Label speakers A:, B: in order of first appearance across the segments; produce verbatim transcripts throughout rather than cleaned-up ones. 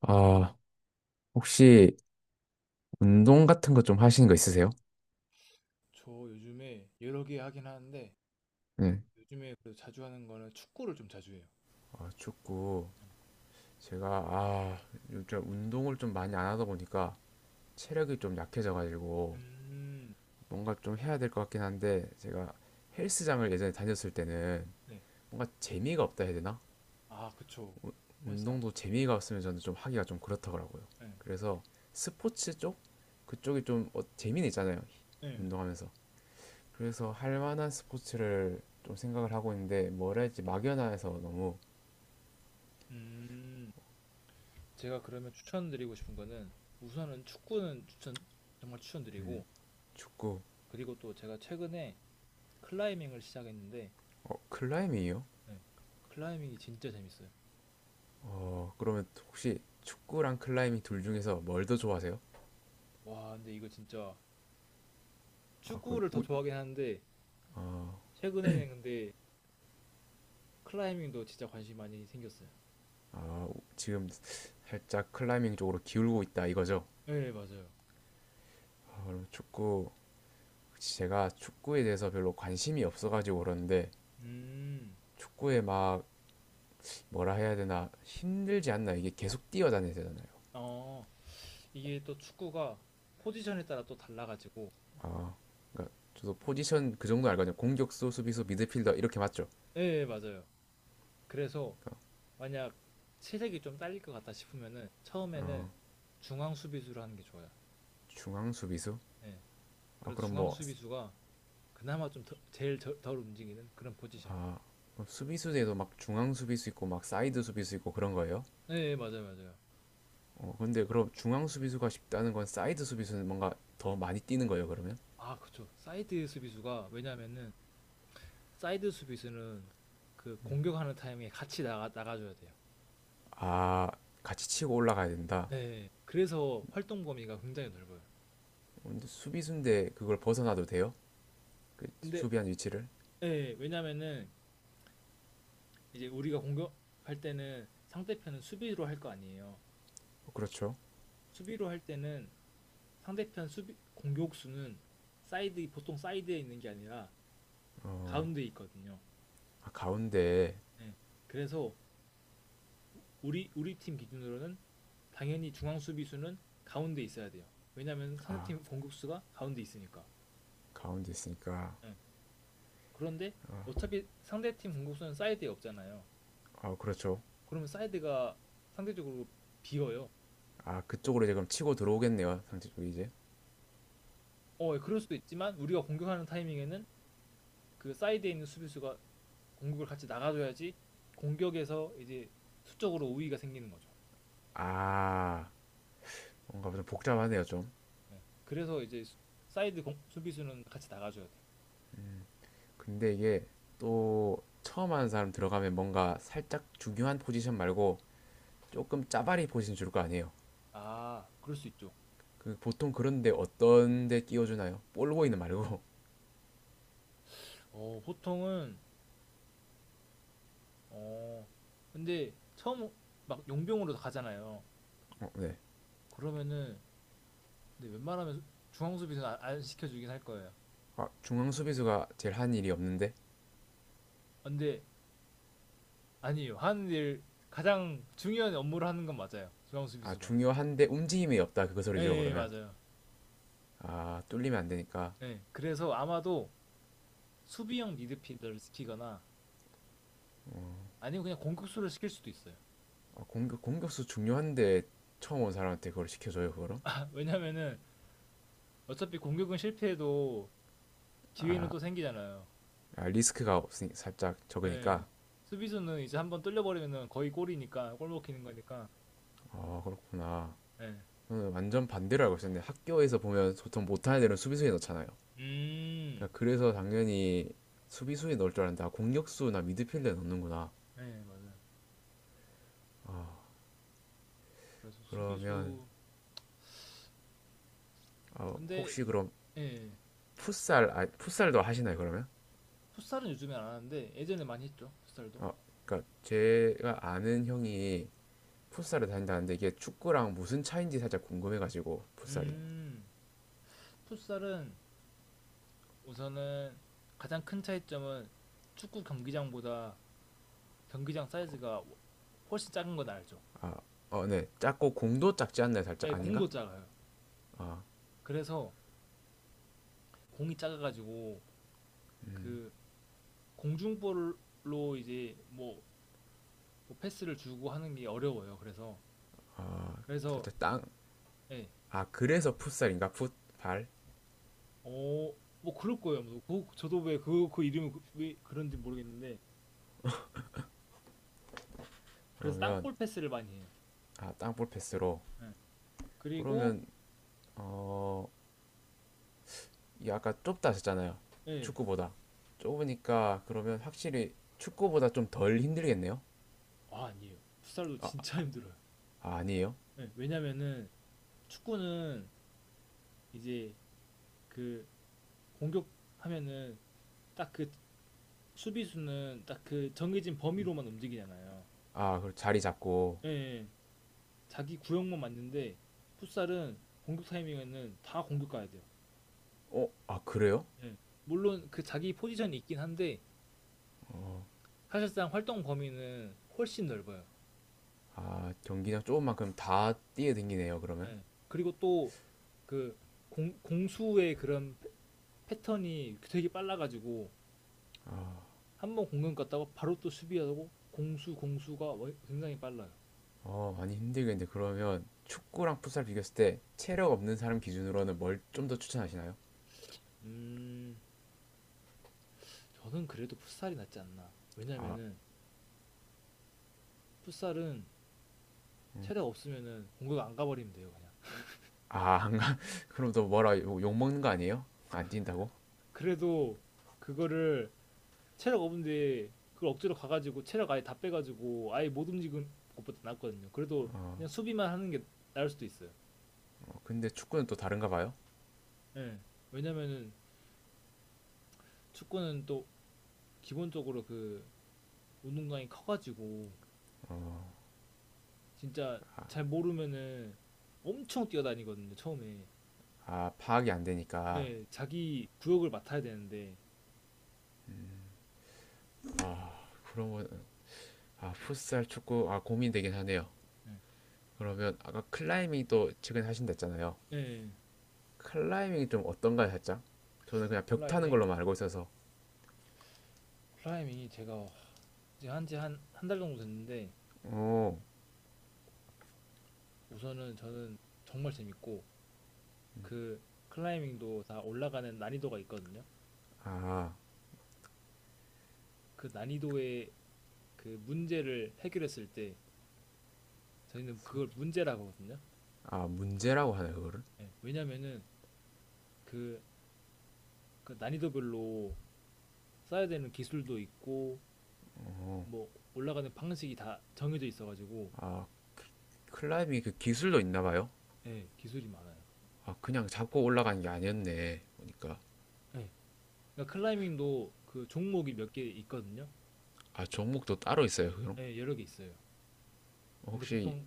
A: 아, 혹시 운동 같은 거 좀 하시는 거 있으세요?
B: 저 요즘에 여러 개 하긴 하는데
A: 네.
B: 요즘에 그래도 자주 하는 거는 축구를 좀 자주 해요.
A: 아, 축구. 제가, 아, 요즘 운동을 좀 많이 안 하다 보니까 체력이 좀 약해져가지고
B: 음,
A: 뭔가 좀 해야 될 것 같긴 한데 제가 헬스장을 예전에 다녔을 때는
B: 네.
A: 뭔가 재미가 없다 해야 되나?
B: 아, 그쵸. 헬스장.
A: 운동도 재미가 없으면 저는 좀 하기가 좀 그렇더라고요.
B: 네.
A: 그래서 스포츠 쪽? 그쪽이 좀 어, 재미는 있잖아요.
B: 네.
A: 운동하면서. 그래서 할 만한 스포츠를 좀 생각을 하고 있는데 뭐라 할지 막연해서 너무
B: 음, 제가 그러면 추천드리고 싶은 거는 우선은 축구는 추천, 정말 추천드리고,
A: 축구,
B: 그리고 또 제가 최근에 클라이밍을 시작했는데
A: 어, 클라이밍이요?
B: 네. 클라이밍이 진짜 재밌어요.
A: 어, 그러면 혹시 축구랑 클라이밍 둘 중에서 뭘 더 좋아하세요?
B: 와, 근데 이거 진짜
A: 아, 거의
B: 축구를 더
A: 우,
B: 좋아하긴 하는데 최근에는 근데 클라이밍도 진짜 관심 많이 생겼어요.
A: 아, 우- 지금 살짝 클라이밍 쪽으로 기울고 있다 이거죠?
B: 네, 맞아요.
A: 아, 그럼 축구, 제가 축구에 대해서 별로 관심이 없어가지고 그러는데
B: 음,
A: 축구에 막 뭐라 해야 되나 힘들지 않나 이게 계속 뛰어다녀야 되잖아요.
B: 어, 이게 또 축구가 포지션에 따라 또 달라가지고.
A: 저도 포지션 그 정도 알거든요. 공격수, 수비수, 미드필더 이렇게 맞죠?
B: 예 예, 맞아요. 그래서 만약 체력이 좀 딸릴 것 같다 싶으면은 처음에는 중앙 수비수로 하는 게 좋아요.
A: 중앙 수비수?
B: 예.
A: 아,
B: 그래서
A: 그럼
B: 중앙
A: 뭐
B: 수비수가 그나마 좀 더- 제일 저- 덜 움직이는 그런 포지션이.
A: 아, 수비수에도 막 중앙 수비수 있고 막 사이드 수비수 있고 그런 거예요?
B: 예 예, 맞아요, 맞아요.
A: 어, 근데 그럼 중앙 수비수가 쉽다는 건 사이드 수비수는 뭔가 더 많이 뛰는 거예요, 그러면?
B: 아, 그쵸. 사이드 수비수가 왜냐면은, 사이드 수비수는 그 공격하는 타이밍에 같이 나가 나가줘야 돼요.
A: 아, 같이 치고 올라가야 된다.
B: 예 예. 그래서 활동 범위가 굉장히 넓어요.
A: 근데 수비수인데 그걸 벗어나도 돼요? 그
B: 근데
A: 수비한 위치를?
B: 예 예. 왜냐면은 이제 우리가 공격할 때는 상대편은 수비로 할 거 아니에요.
A: 어, 그렇죠.
B: 수비로 할 때는 상대편 수비 공격수는 사이드 보통 사이드에 있는 게 아니라 가운데 에 있거든요.
A: 아, 가운데,
B: 네. 그래서 우리 우리 팀 기준으로는 당연히 중앙 수비수는 가운데 있어야 돼요. 왜냐면 상대팀 공격수가 가운데 있으니까.
A: 가운데 있으니까.
B: 네. 그런데 어차피 상대팀 공격수는 사이드에 없잖아요.
A: 아, 그렇죠.
B: 그러면 사이드가 상대적으로 비어요.
A: 아, 그쪽으로 이제 그럼 치고 들어오겠네요, 상대 쪽이 이제.
B: 어, 예, 그럴 수도 있지만 우리가 공격하는 타이밍에는 그 사이드에 있는 수비수가 공격을 같이 나가줘야지 공격에서 이제 수적으로 우위가 생기는 거죠.
A: 아, 뭔가 좀 복잡하네요, 좀.
B: 네. 그래서 이제 사이드 공- 수비수는 같이 나가줘야 돼.
A: 근데 이게 또 처음 하는 사람 들어가면 뭔가 살짝 중요한 포지션 말고 조금 짜바리 포지션 줄 거 아니에요.
B: 아, 그럴 수 있죠.
A: 그 보통 그런데 어떤 데 끼워주나요? 볼보이는 말고.
B: 어, 보통은, 어, 근데 처음 막 용병으로 가잖아요.
A: 어, 네.
B: 그러면은 근데 웬만하면 중앙 수비수는 안, 안 시켜주긴 할 거예요.
A: 아, 중앙 수비수가 제일 한 일이 없는데?
B: 근데 아니에요. 하는 일 가장 중요한 업무를 하는 건 맞아요. 중앙
A: 아,
B: 수비수가.
A: 중요한데 움직임이 없다. 그거
B: 예,
A: 소리죠,
B: 예
A: 그러면.
B: 맞아요.
A: 아, 뚫리면 안 되니까.
B: 예. 그래서 아마도 수비형 미드필더를 시키거나 아니면 그냥 공격수를 시킬 수도 있어요.
A: 아, 공격, 공격수 중요한데 처음 온 사람한테 그걸 시켜줘요, 그거를?
B: 왜냐면은 어차피 공격은 실패해도 기회는 또 생기잖아요.
A: 아, 리스크가 없으니 살짝
B: 예.
A: 적으니까.
B: 수비수는 이제 한번 뚫려버리면은 거의 골이니까, 골 먹히는 거니까.
A: 아, 그렇구나.
B: 예.
A: 저는 완전 반대로 알고 있었는데 학교에서 보면 보통 못하는 애들은 수비수에 넣잖아요.
B: 음.
A: 그러니까 그래서 당연히 수비수에 넣을 줄 알았는데 아, 공격수나 미드필더에 넣는구나.
B: 네, 맞아요. 그래서
A: 그러면
B: 수비수
A: 어,
B: 근데
A: 혹시 그럼
B: 예.
A: 풋살 아, 풋살도 하시나요 그러면?
B: 풋살은 요즘에 안 하는데 예전에 많이 했죠. 풋살도.
A: 어, 그러니까 제가 아는 형이 풋살을 다닌다는데 이게 축구랑 무슨 차인지 살짝 궁금해가지고 풋살이
B: 음. 풋살은 우선은 가장 큰 차이점은 축구 경기장보다 경기장 사이즈가 훨씬 작은 건 알죠.
A: 아, 어, 네 작고 공도 작지 않나요
B: 예,
A: 살짝 아닌가?
B: 공도 작아요. 그래서 공이 작아가지고 그 공중볼로 이제 뭐, 뭐 패스를 주고 하는 게 어려워요. 그래서 그래서
A: 살짝 땅
B: 예,
A: 아 그래서 풋살인가 풋발
B: 어, 뭐 그럴 거예요. 뭐 그- 저도 왜 그 그 이름이 그- 왜 그런지 모르겠는데 그래서
A: 그러면
B: 땅볼 패스를 많이 해요.
A: 아 땅볼 패스로
B: 예. 그리고
A: 그러면 어, 이 아까 좁다 하셨잖아요.
B: 예,
A: 축구보다. 좁으니까 그러면 확실히 축구보다 좀 덜 힘들겠네요.
B: 아 아니에요. 풋살도 진짜 힘들어요.
A: 아, 아니에요?
B: 예, 왜냐면은 축구는 이제 그 공격하면은 딱그 수비수는 딱 그 정해진 범위로만 움직이잖아요.
A: 아, 그럼 자리 잡고.
B: 예, 예. 자기 구역만 맞는데 풋살은 공격 타이밍에는 다 공격 가야 돼요.
A: 어, 아, 그래요?
B: 예. 물론 그 자기 포지션이 있긴 한데 사실상 활동 범위는 훨씬 넓어요.
A: 아, 경기장 좁은 만큼 다 뛰어댕기네요, 그러면.
B: 예. 그리고 또 그 공수의 그런 패- 패턴이 되게 빨라가지고 한 번 공격 갔다가 바로 또 수비하고 공수 공수가 워- 굉장히 빨라요.
A: 어, 많이 힘들겠는데 그러면 축구랑 풋살 비교했을 때 체력 없는 사람 기준으로는 뭘 좀 더 추천하시나요?
B: 음, 저는 그래도 풋살이 낫지 않나.
A: 아,
B: 왜냐면은 풋살은 체력 없으면은 공격 안 가버리면 돼요 그냥.
A: 아, 안 가. 그럼 또 뭐라 욕, 먹는 거 아니에요? 안 뛴다고?
B: 그래도 그거를 체력 없는데 그걸 억지로 가가지고 체력 아예 다 빼가지고 아예 못 움직은 것보다 낫거든요. 그래도 그냥 수비만 하는 게 나을 수도 있어요.
A: 어, 근데 축구는 또 다른가 봐요.
B: 예. 왜냐면은 축구는 또 기본적으로 그 운동량이 커가지고 진짜 잘 모르면은 엄청 뛰어다니거든요 처음에.
A: 아, 파악이 안 되니까.
B: 예. 자기 구역을 맡아야 되는데
A: 그러면 아, 풋살, 축구, 아, 고민되긴 하네요.
B: 예,
A: 그러면 아까 클라이밍도 최근에 하신다 했잖아요.
B: 예.
A: 클라이밍이 좀 어떤가요, 살짝? 저는 그냥 벽 타는
B: 클라이밍
A: 걸로만 알고 있어서.
B: 클라이밍이 제가 한지 한 한 달 정도 됐는데
A: 어,
B: 우선은 저는 정말 재밌고 그 클라이밍도 다 올라가는 난이도가 있거든요.
A: 아,
B: 그 난이도의 그 문제를 해결했을 때 저희는 그걸 문제라고 하거든요.
A: 아, 문제라고 하나요, 그거를?
B: 예, 왜냐면은 그, 그 난이도별로 써야 되는 기술도 있고 뭐 올라가는 방식이 다 정해져 있어가지고.
A: 클라이밍이 그 기술도 있나 봐요?
B: 예, 기술이 많아요.
A: 아, 그냥 잡고 올라가는 게 아니었네. 보니까.
B: 예. 그러니까 클라이밍도 그 종목이 몇 개 있거든요.
A: 아, 종목도 따로 있어요, 그럼?
B: 예, 여러 개 있어요. 근데
A: 혹시
B: 보통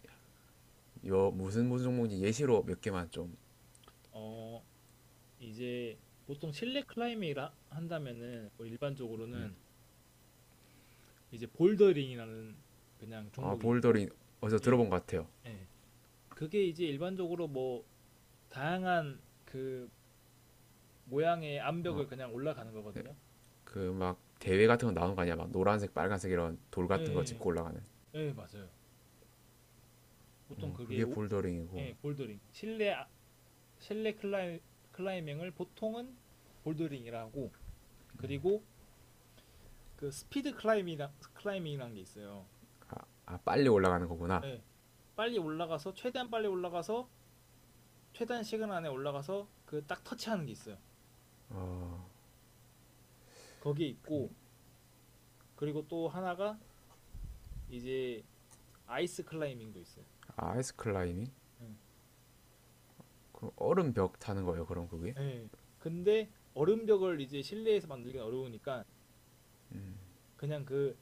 A: 요 무슨 무슨 종목인지 예시로 몇 개만 좀.
B: 어 이제 보통 실내 클라이밍을 하- 한다면은 우리 일반적으로는 이제 볼더링이라는 그냥
A: 아,
B: 종목이 있고,
A: 볼더링 어디서
B: 예,
A: 들어본 것 같아요.
B: 예. 그게 이제 일반적으로 뭐 다양한 그 모양의 암벽을 그냥 올라가는 거거든요.
A: 그 막 대회 같은 거 나오는 거 아니야? 막 노란색, 빨간색 이런 돌
B: 예,
A: 같은 거
B: 예,
A: 짚고 올라가는.
B: 예, 예, 맞아요. 보통
A: 어,
B: 그게
A: 그게
B: 오-
A: 볼더링이고
B: 예, 볼더링. 실내 아- 실내 클라이, 클라이밍을 보통은 볼더링이라고, 그리고 그 스피드 클라이밍이라, 클라이밍이라는 게 있어요.
A: 아 빨리 올라가는 거구나
B: 예. 빨리 올라가서 최대한 빨리 올라가서 최단 시간 안에 올라가서 그 딱 터치하는 게 있어요. 거기 에 있고, 그리고 또 하나가 이제 아이스 클라이밍도 있어요.
A: 아 아이스 클라이밍
B: 예.
A: 그럼 얼음 벽 타는 거예요 그럼 그게
B: 예. 근데 얼음벽을 이제 실내에서 만들긴 어려우니까 그냥 그,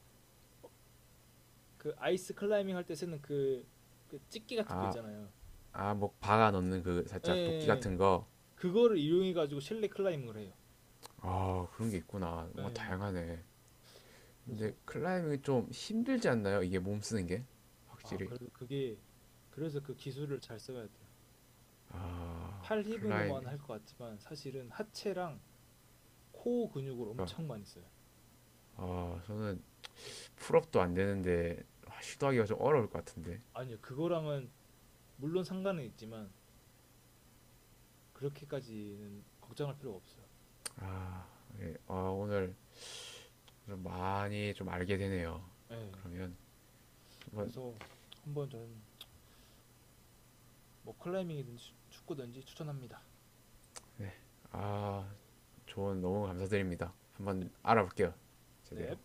B: 그 아이스 클라이밍 할 때 쓰는 그, 그 찍기 같은 거 있잖아요.
A: 아아뭐 박아 넣는 그
B: 예, 예.
A: 살짝 도끼
B: 예.
A: 같은 거아
B: 그거를 이용해 가지고 실내 클라이밍을 해요.
A: 그런 게 있구나
B: 예,
A: 뭔가
B: 예.
A: 다양하네 근데
B: 그래서
A: 클라이밍이 좀 힘들지 않나요 이게 몸 쓰는 게
B: 아,
A: 확실히
B: 그래도 그게 그래서 그 기술을 잘 써야 돼요.
A: 아
B: 팔
A: 클라이밍
B: 힘으로만 할 것 같지만 사실은 하체랑 코어 근육을
A: 그러니까
B: 엄청 많이 써요.
A: 아 저는 풀업도 안 되는데 아, 시도하기가 좀 어려울 것 같은데
B: 아니요, 그거랑은 물론 상관은 있지만 그렇게까지는 걱정할 필요가 없어요.
A: 아, 예. 아 오늘 좀 많이 좀 알게 되네요
B: 예.
A: 그러면 한번
B: 그래서 한번 저는 뭐 클라이밍이든지 축구든지 추천합니다.
A: 아 조언 너무 감사드립니다.
B: 네.
A: 한번 알아볼게요.
B: 넵.
A: 제대로.